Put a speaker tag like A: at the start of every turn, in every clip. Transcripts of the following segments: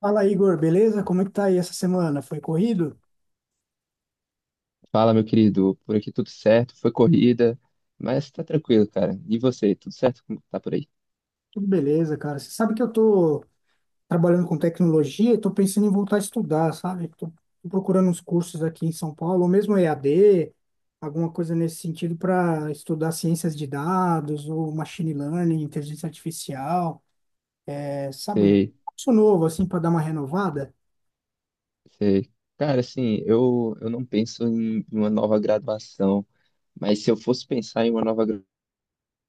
A: Fala, Igor, beleza? Como é que tá aí essa semana? Foi corrido?
B: Fala, meu querido. Por aqui tudo certo, foi corrida, mas tá tranquilo, cara. E você, tudo certo? Como tá por aí?
A: Tudo beleza, cara. Você sabe que eu tô trabalhando com tecnologia e tô pensando em voltar a estudar, sabe? Tô procurando uns cursos aqui em São Paulo, ou mesmo EAD, alguma coisa nesse sentido para estudar ciências de dados, ou machine learning, inteligência artificial. É, sabe, um
B: Sei,
A: curso novo, assim, para dar uma renovada.
B: sei. Cara, assim, eu não penso em uma nova graduação, mas se eu fosse pensar em uma nova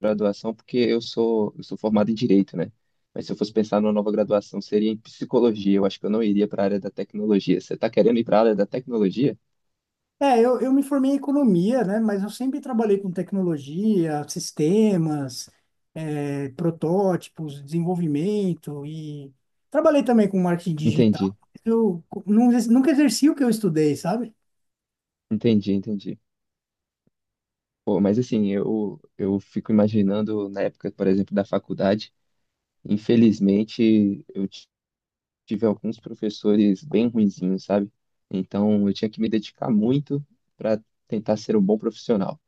B: graduação, porque eu sou formado em Direito, né? Mas se eu fosse pensar numa nova graduação, seria em Psicologia. Eu acho que eu não iria para a área da tecnologia. Você tá querendo ir para a área da tecnologia?
A: É, eu me formei em economia, né? Mas eu sempre trabalhei com tecnologia, sistemas, protótipos, desenvolvimento e trabalhei também com marketing
B: Entendi,
A: digital. Eu co- não ex- nunca exerci o que eu estudei, sabe?
B: entendi, entendi. Pô, mas assim, eu fico imaginando na época, por exemplo, da faculdade. Infelizmente, eu tive alguns professores bem ruinzinhos, sabe? Então, eu tinha que me dedicar muito para tentar ser um bom profissional,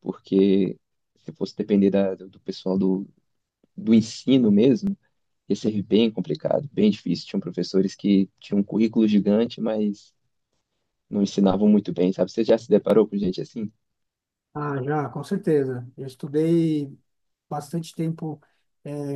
B: porque se fosse depender do pessoal do ensino mesmo, ia ser bem complicado, bem difícil. Tinham professores que tinham um currículo gigante, mas não ensinavam muito bem, sabe? Você já se deparou com gente assim?
A: Ah, já, com certeza. Eu estudei bastante tempo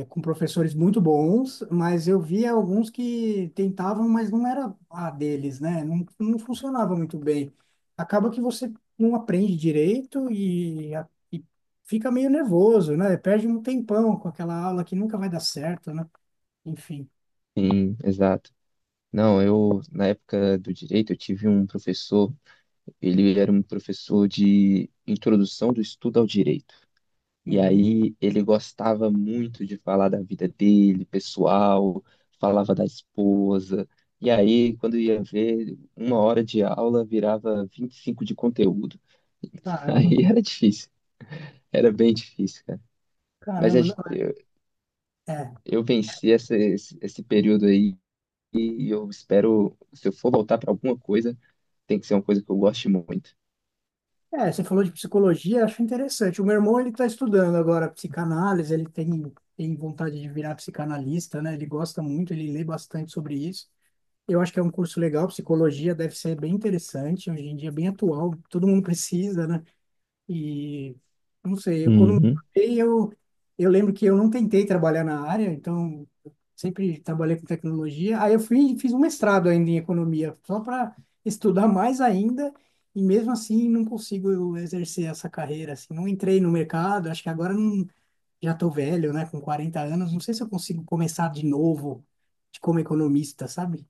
A: com professores muito bons, mas eu via alguns que tentavam, mas não era a deles, né? Não, não funcionava muito bem. Acaba que você não aprende direito e fica meio nervoso, né? Perde um tempão com aquela aula que nunca vai dar certo, né? Enfim.
B: Sim, exato. Não, na época do direito, eu tive um professor. Ele era um professor de introdução do estudo ao direito. E
A: Uhum.
B: aí ele gostava muito de falar da vida dele, pessoal, falava da esposa. E aí, quando ia ver, uma hora de aula virava 25 de conteúdo.
A: Caramba.
B: Aí era difícil, era bem difícil, cara. Mas
A: Caramba.
B: eu,
A: É.
B: eu venci esse período aí e eu espero, se eu for voltar para alguma coisa, tem que ser uma coisa que eu goste muito.
A: É, você falou de psicologia, acho interessante. O meu irmão, ele está estudando agora psicanálise, ele tem vontade de virar psicanalista, né? Ele gosta muito, ele lê bastante sobre isso. Eu acho que é um curso legal, psicologia deve ser bem interessante, hoje em dia é bem atual, todo mundo precisa, né? E não sei, eu quando me
B: Uhum.
A: formei, eu lembro que eu não tentei trabalhar na área, então sempre trabalhei com tecnologia. Aí eu fui e fiz um mestrado ainda em economia, só para estudar mais ainda, e mesmo assim não consigo exercer essa carreira, assim, não entrei no mercado, acho que agora não, já estou velho, né, com 40 anos, não sei se eu consigo começar de novo de como economista, sabe?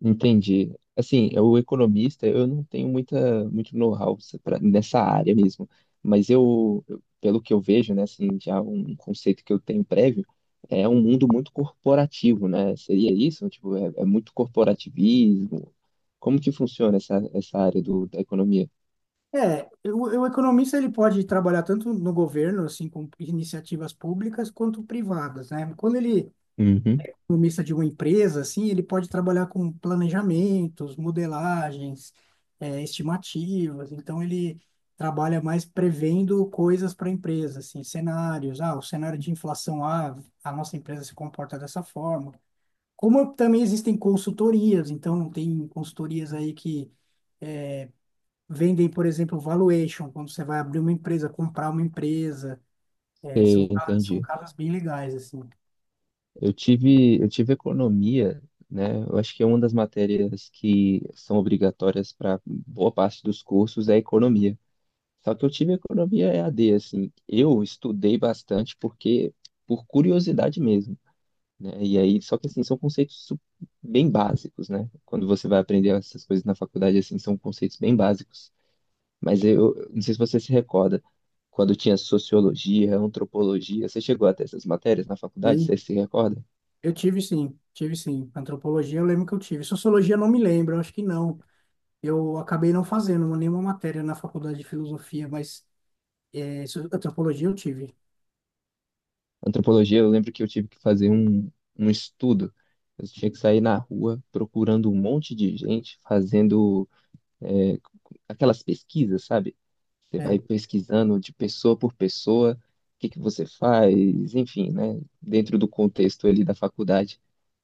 B: Entendi. Assim, o economista, eu não tenho muito know-how nessa área mesmo, mas pelo que eu vejo, né, assim, já um conceito que eu tenho prévio, é um mundo muito corporativo, né? Seria isso? Tipo, é muito corporativismo. Como que funciona essa área da economia?
A: É, o economista ele pode trabalhar tanto no governo, assim, com iniciativas públicas, quanto privadas, né? Quando ele
B: Uhum,
A: é economista de uma empresa, assim, ele pode trabalhar com planejamentos, modelagens, é, estimativas. Então, ele trabalha mais prevendo coisas para a empresa, assim, cenários. Ah, o cenário de inflação, ah, a nossa empresa se comporta dessa forma. Como também existem consultorias, então tem consultorias aí que vendem, por exemplo, valuation, quando você vai abrir uma empresa, comprar uma empresa. É, são,
B: sei,
A: ca- são
B: entendi.
A: casos bem legais, assim.
B: Eu tive economia, né? Eu acho que é uma das matérias que são obrigatórias para boa parte dos cursos é economia. Só que eu tive economia e a EAD, assim. Eu estudei bastante porque, por curiosidade mesmo, né? E aí, só que assim, são conceitos bem básicos, né? Quando você vai aprender essas coisas na faculdade, assim, são conceitos bem básicos. Mas eu não sei se você se recorda, quando tinha sociologia, antropologia, você chegou até essas matérias na faculdade,
A: Sim,
B: você se recorda?
A: eu tive sim, tive sim. Antropologia eu lembro que eu tive. Sociologia eu não me lembro, eu acho que não. Eu acabei não fazendo nenhuma matéria na faculdade de filosofia, mas é, antropologia eu tive.
B: Antropologia, eu lembro que eu tive que fazer um estudo. Eu tinha que sair na rua procurando um monte de gente fazendo é, aquelas pesquisas, sabe? Você vai
A: Sério.
B: pesquisando de pessoa por pessoa, o que que você faz, enfim, né? Dentro do contexto ali da faculdade.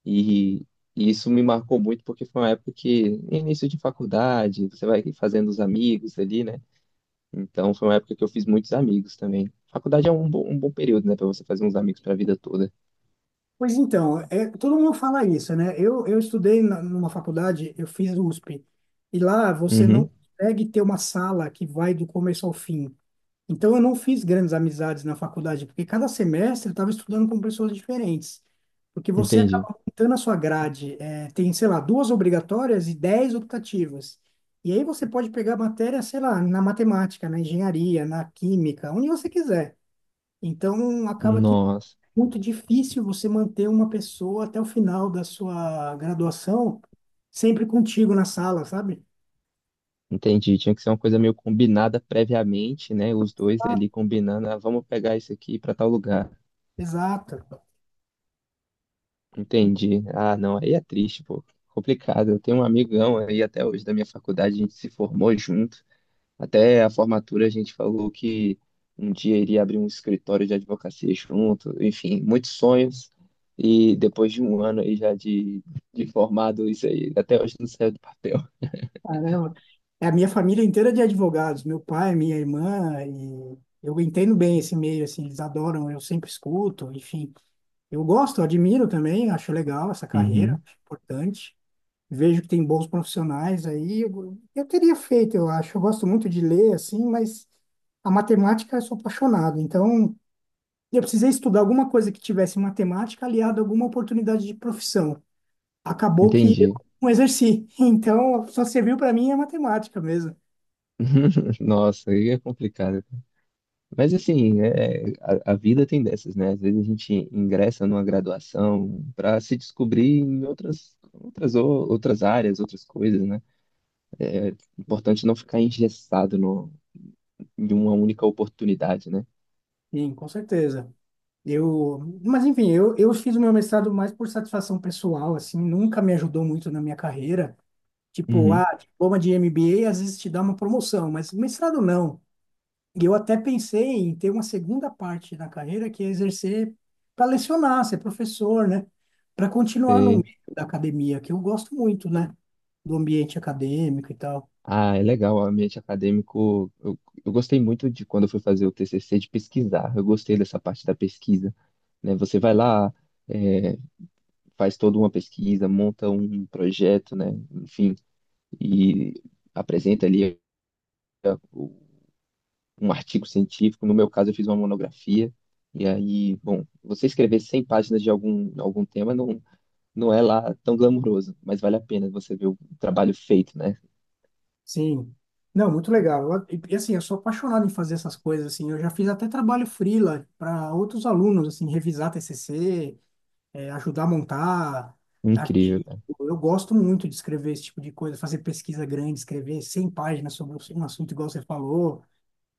B: E, e isso me marcou muito porque foi uma época que, início de faculdade, você vai fazendo os amigos ali, né? Então foi uma época que eu fiz muitos amigos também. Faculdade é um bom período, né? Pra você fazer uns amigos pra vida toda.
A: Pois então, é, todo mundo fala isso, né? Eu estudei numa faculdade, eu fiz USP, e lá você não
B: Uhum,
A: consegue ter uma sala que vai do começo ao fim. Então, eu não fiz grandes amizades na faculdade, porque cada semestre eu estava estudando com pessoas diferentes. Porque você
B: entendi.
A: acaba montando a sua grade. É, tem, sei lá, duas obrigatórias e 10 optativas. E aí você pode pegar matéria, sei lá, na matemática, na engenharia, na química, onde você quiser. Então, acaba que é
B: Nossa.
A: muito difícil você manter uma pessoa até o final da sua graduação sempre contigo na sala, sabe?
B: Entendi. Tinha que ser uma coisa meio combinada previamente, né? Os dois ali combinando, ah, vamos pegar isso aqui para tal lugar.
A: Exato.
B: Entendi. Ah, não, aí é triste, pô. Complicado. Eu tenho um amigão aí até hoje da minha faculdade, a gente se formou junto. Até a formatura a gente falou que um dia iria abrir um escritório de advocacia junto. Enfim, muitos sonhos. E depois de um ano aí já de formado, isso aí até hoje não saiu do papel.
A: Caramba. É, a minha família inteira é de advogados, meu pai, minha irmã, e eu entendo bem esse meio, assim, eles adoram, eu sempre escuto, enfim. Eu gosto, admiro também, acho legal essa carreira,
B: Uhum.
A: acho importante. Vejo que tem bons profissionais aí. Eu teria feito, eu acho. Eu gosto muito de ler, assim, mas a matemática eu sou apaixonado. Então, eu precisei estudar alguma coisa que tivesse matemática aliada a alguma oportunidade de profissão. Acabou que eu
B: Entendi.
A: não exerci. Então, só serviu para mim a matemática mesmo.
B: Nossa, aí é complicado. Mas assim, a vida tem dessas, né? Às vezes a gente ingressa numa graduação para se descobrir em outras áreas, outras coisas, né? Importante não ficar engessado no, em uma única oportunidade, né?
A: Sim, com certeza. Eu, mas enfim, eu fiz o meu mestrado mais por satisfação pessoal, assim, nunca me ajudou muito na minha carreira. Tipo, ah,
B: Uhum.
A: diploma de MBA às vezes te dá uma promoção, mas mestrado não. E eu até pensei em ter uma segunda parte da carreira, que é exercer para lecionar, ser professor, né? Para continuar no
B: Sei.
A: meio da academia, que eu gosto muito, né? Do ambiente acadêmico e tal.
B: Ah, é legal, o ambiente acadêmico. Eu gostei muito de quando eu fui fazer o TCC de pesquisar. Eu gostei dessa parte da pesquisa, né? Você vai lá, é, faz toda uma pesquisa, monta um projeto, né? Enfim, e apresenta ali um artigo científico, no meu caso eu fiz uma monografia, e aí, bom, você escrever 100 páginas de algum tema não, não é lá tão glamouroso, mas vale a pena você ver o trabalho feito, né?
A: Sim. Não, muito legal. E, assim, eu sou apaixonado em fazer essas coisas assim. Eu já fiz até trabalho freela para outros alunos, assim, revisar TCC, ajudar a montar
B: Incrível,
A: artigo.
B: cara.
A: Eu gosto muito de escrever esse tipo de coisa, fazer pesquisa grande, escrever 100 páginas sobre um assunto igual você falou.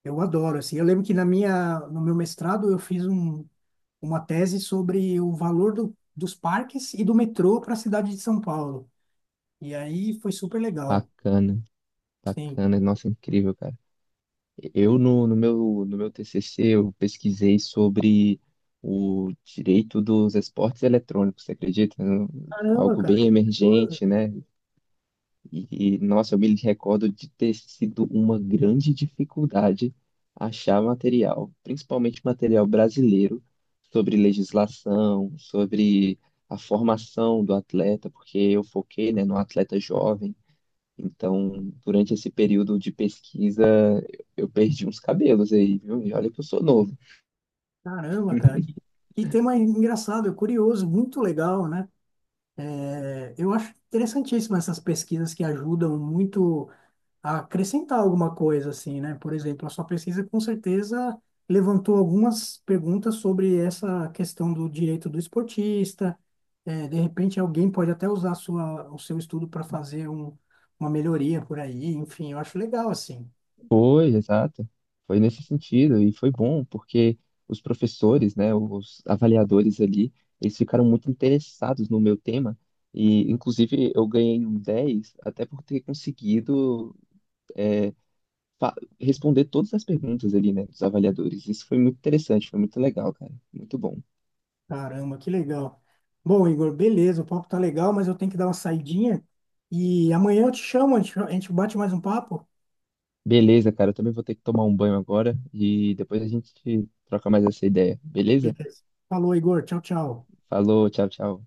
A: Eu adoro, assim. Eu lembro que no meu mestrado eu fiz uma tese sobre o valor dos parques e do metrô para a cidade de São Paulo. E aí foi super legal.
B: Bacana,
A: Sim.
B: bacana, nossa, incrível, cara. Eu no meu TCC eu pesquisei sobre o direito dos esportes eletrônicos, você acredita?
A: Caramba,
B: Algo
A: cara.
B: bem emergente, né? E, nossa, eu me recordo de ter sido uma grande dificuldade achar material, principalmente material brasileiro, sobre legislação, sobre a formação do atleta, porque eu foquei, né, no atleta jovem. Então, durante esse período de pesquisa, eu perdi uns cabelos aí, viu? E olha que eu sou novo.
A: Caramba, cara, que tema engraçado, curioso, muito legal, né? É, eu acho interessantíssimo essas pesquisas que ajudam muito a acrescentar alguma coisa, assim, né? Por exemplo, a sua pesquisa com certeza levantou algumas perguntas sobre essa questão do direito do esportista. É, de repente, alguém pode até usar o seu estudo para fazer um, uma melhoria por aí. Enfim, eu acho legal, assim.
B: Foi, exato. Foi nesse sentido e foi bom porque os professores, né, os avaliadores ali, eles ficaram muito interessados no meu tema e, inclusive, eu ganhei um 10 até por ter conseguido é, fa- responder todas as perguntas ali, né, dos avaliadores. Isso foi muito interessante, foi muito legal, cara. Muito bom.
A: Caramba, que legal. Bom, Igor, beleza, o papo tá legal, mas eu tenho que dar uma saidinha e amanhã eu te chamo, a gente bate mais um papo.
B: Beleza, cara, eu também vou ter que tomar um banho agora e depois a gente troca mais essa ideia, beleza?
A: Beleza. Falou, Igor. Tchau, tchau.
B: Falou, tchau, tchau.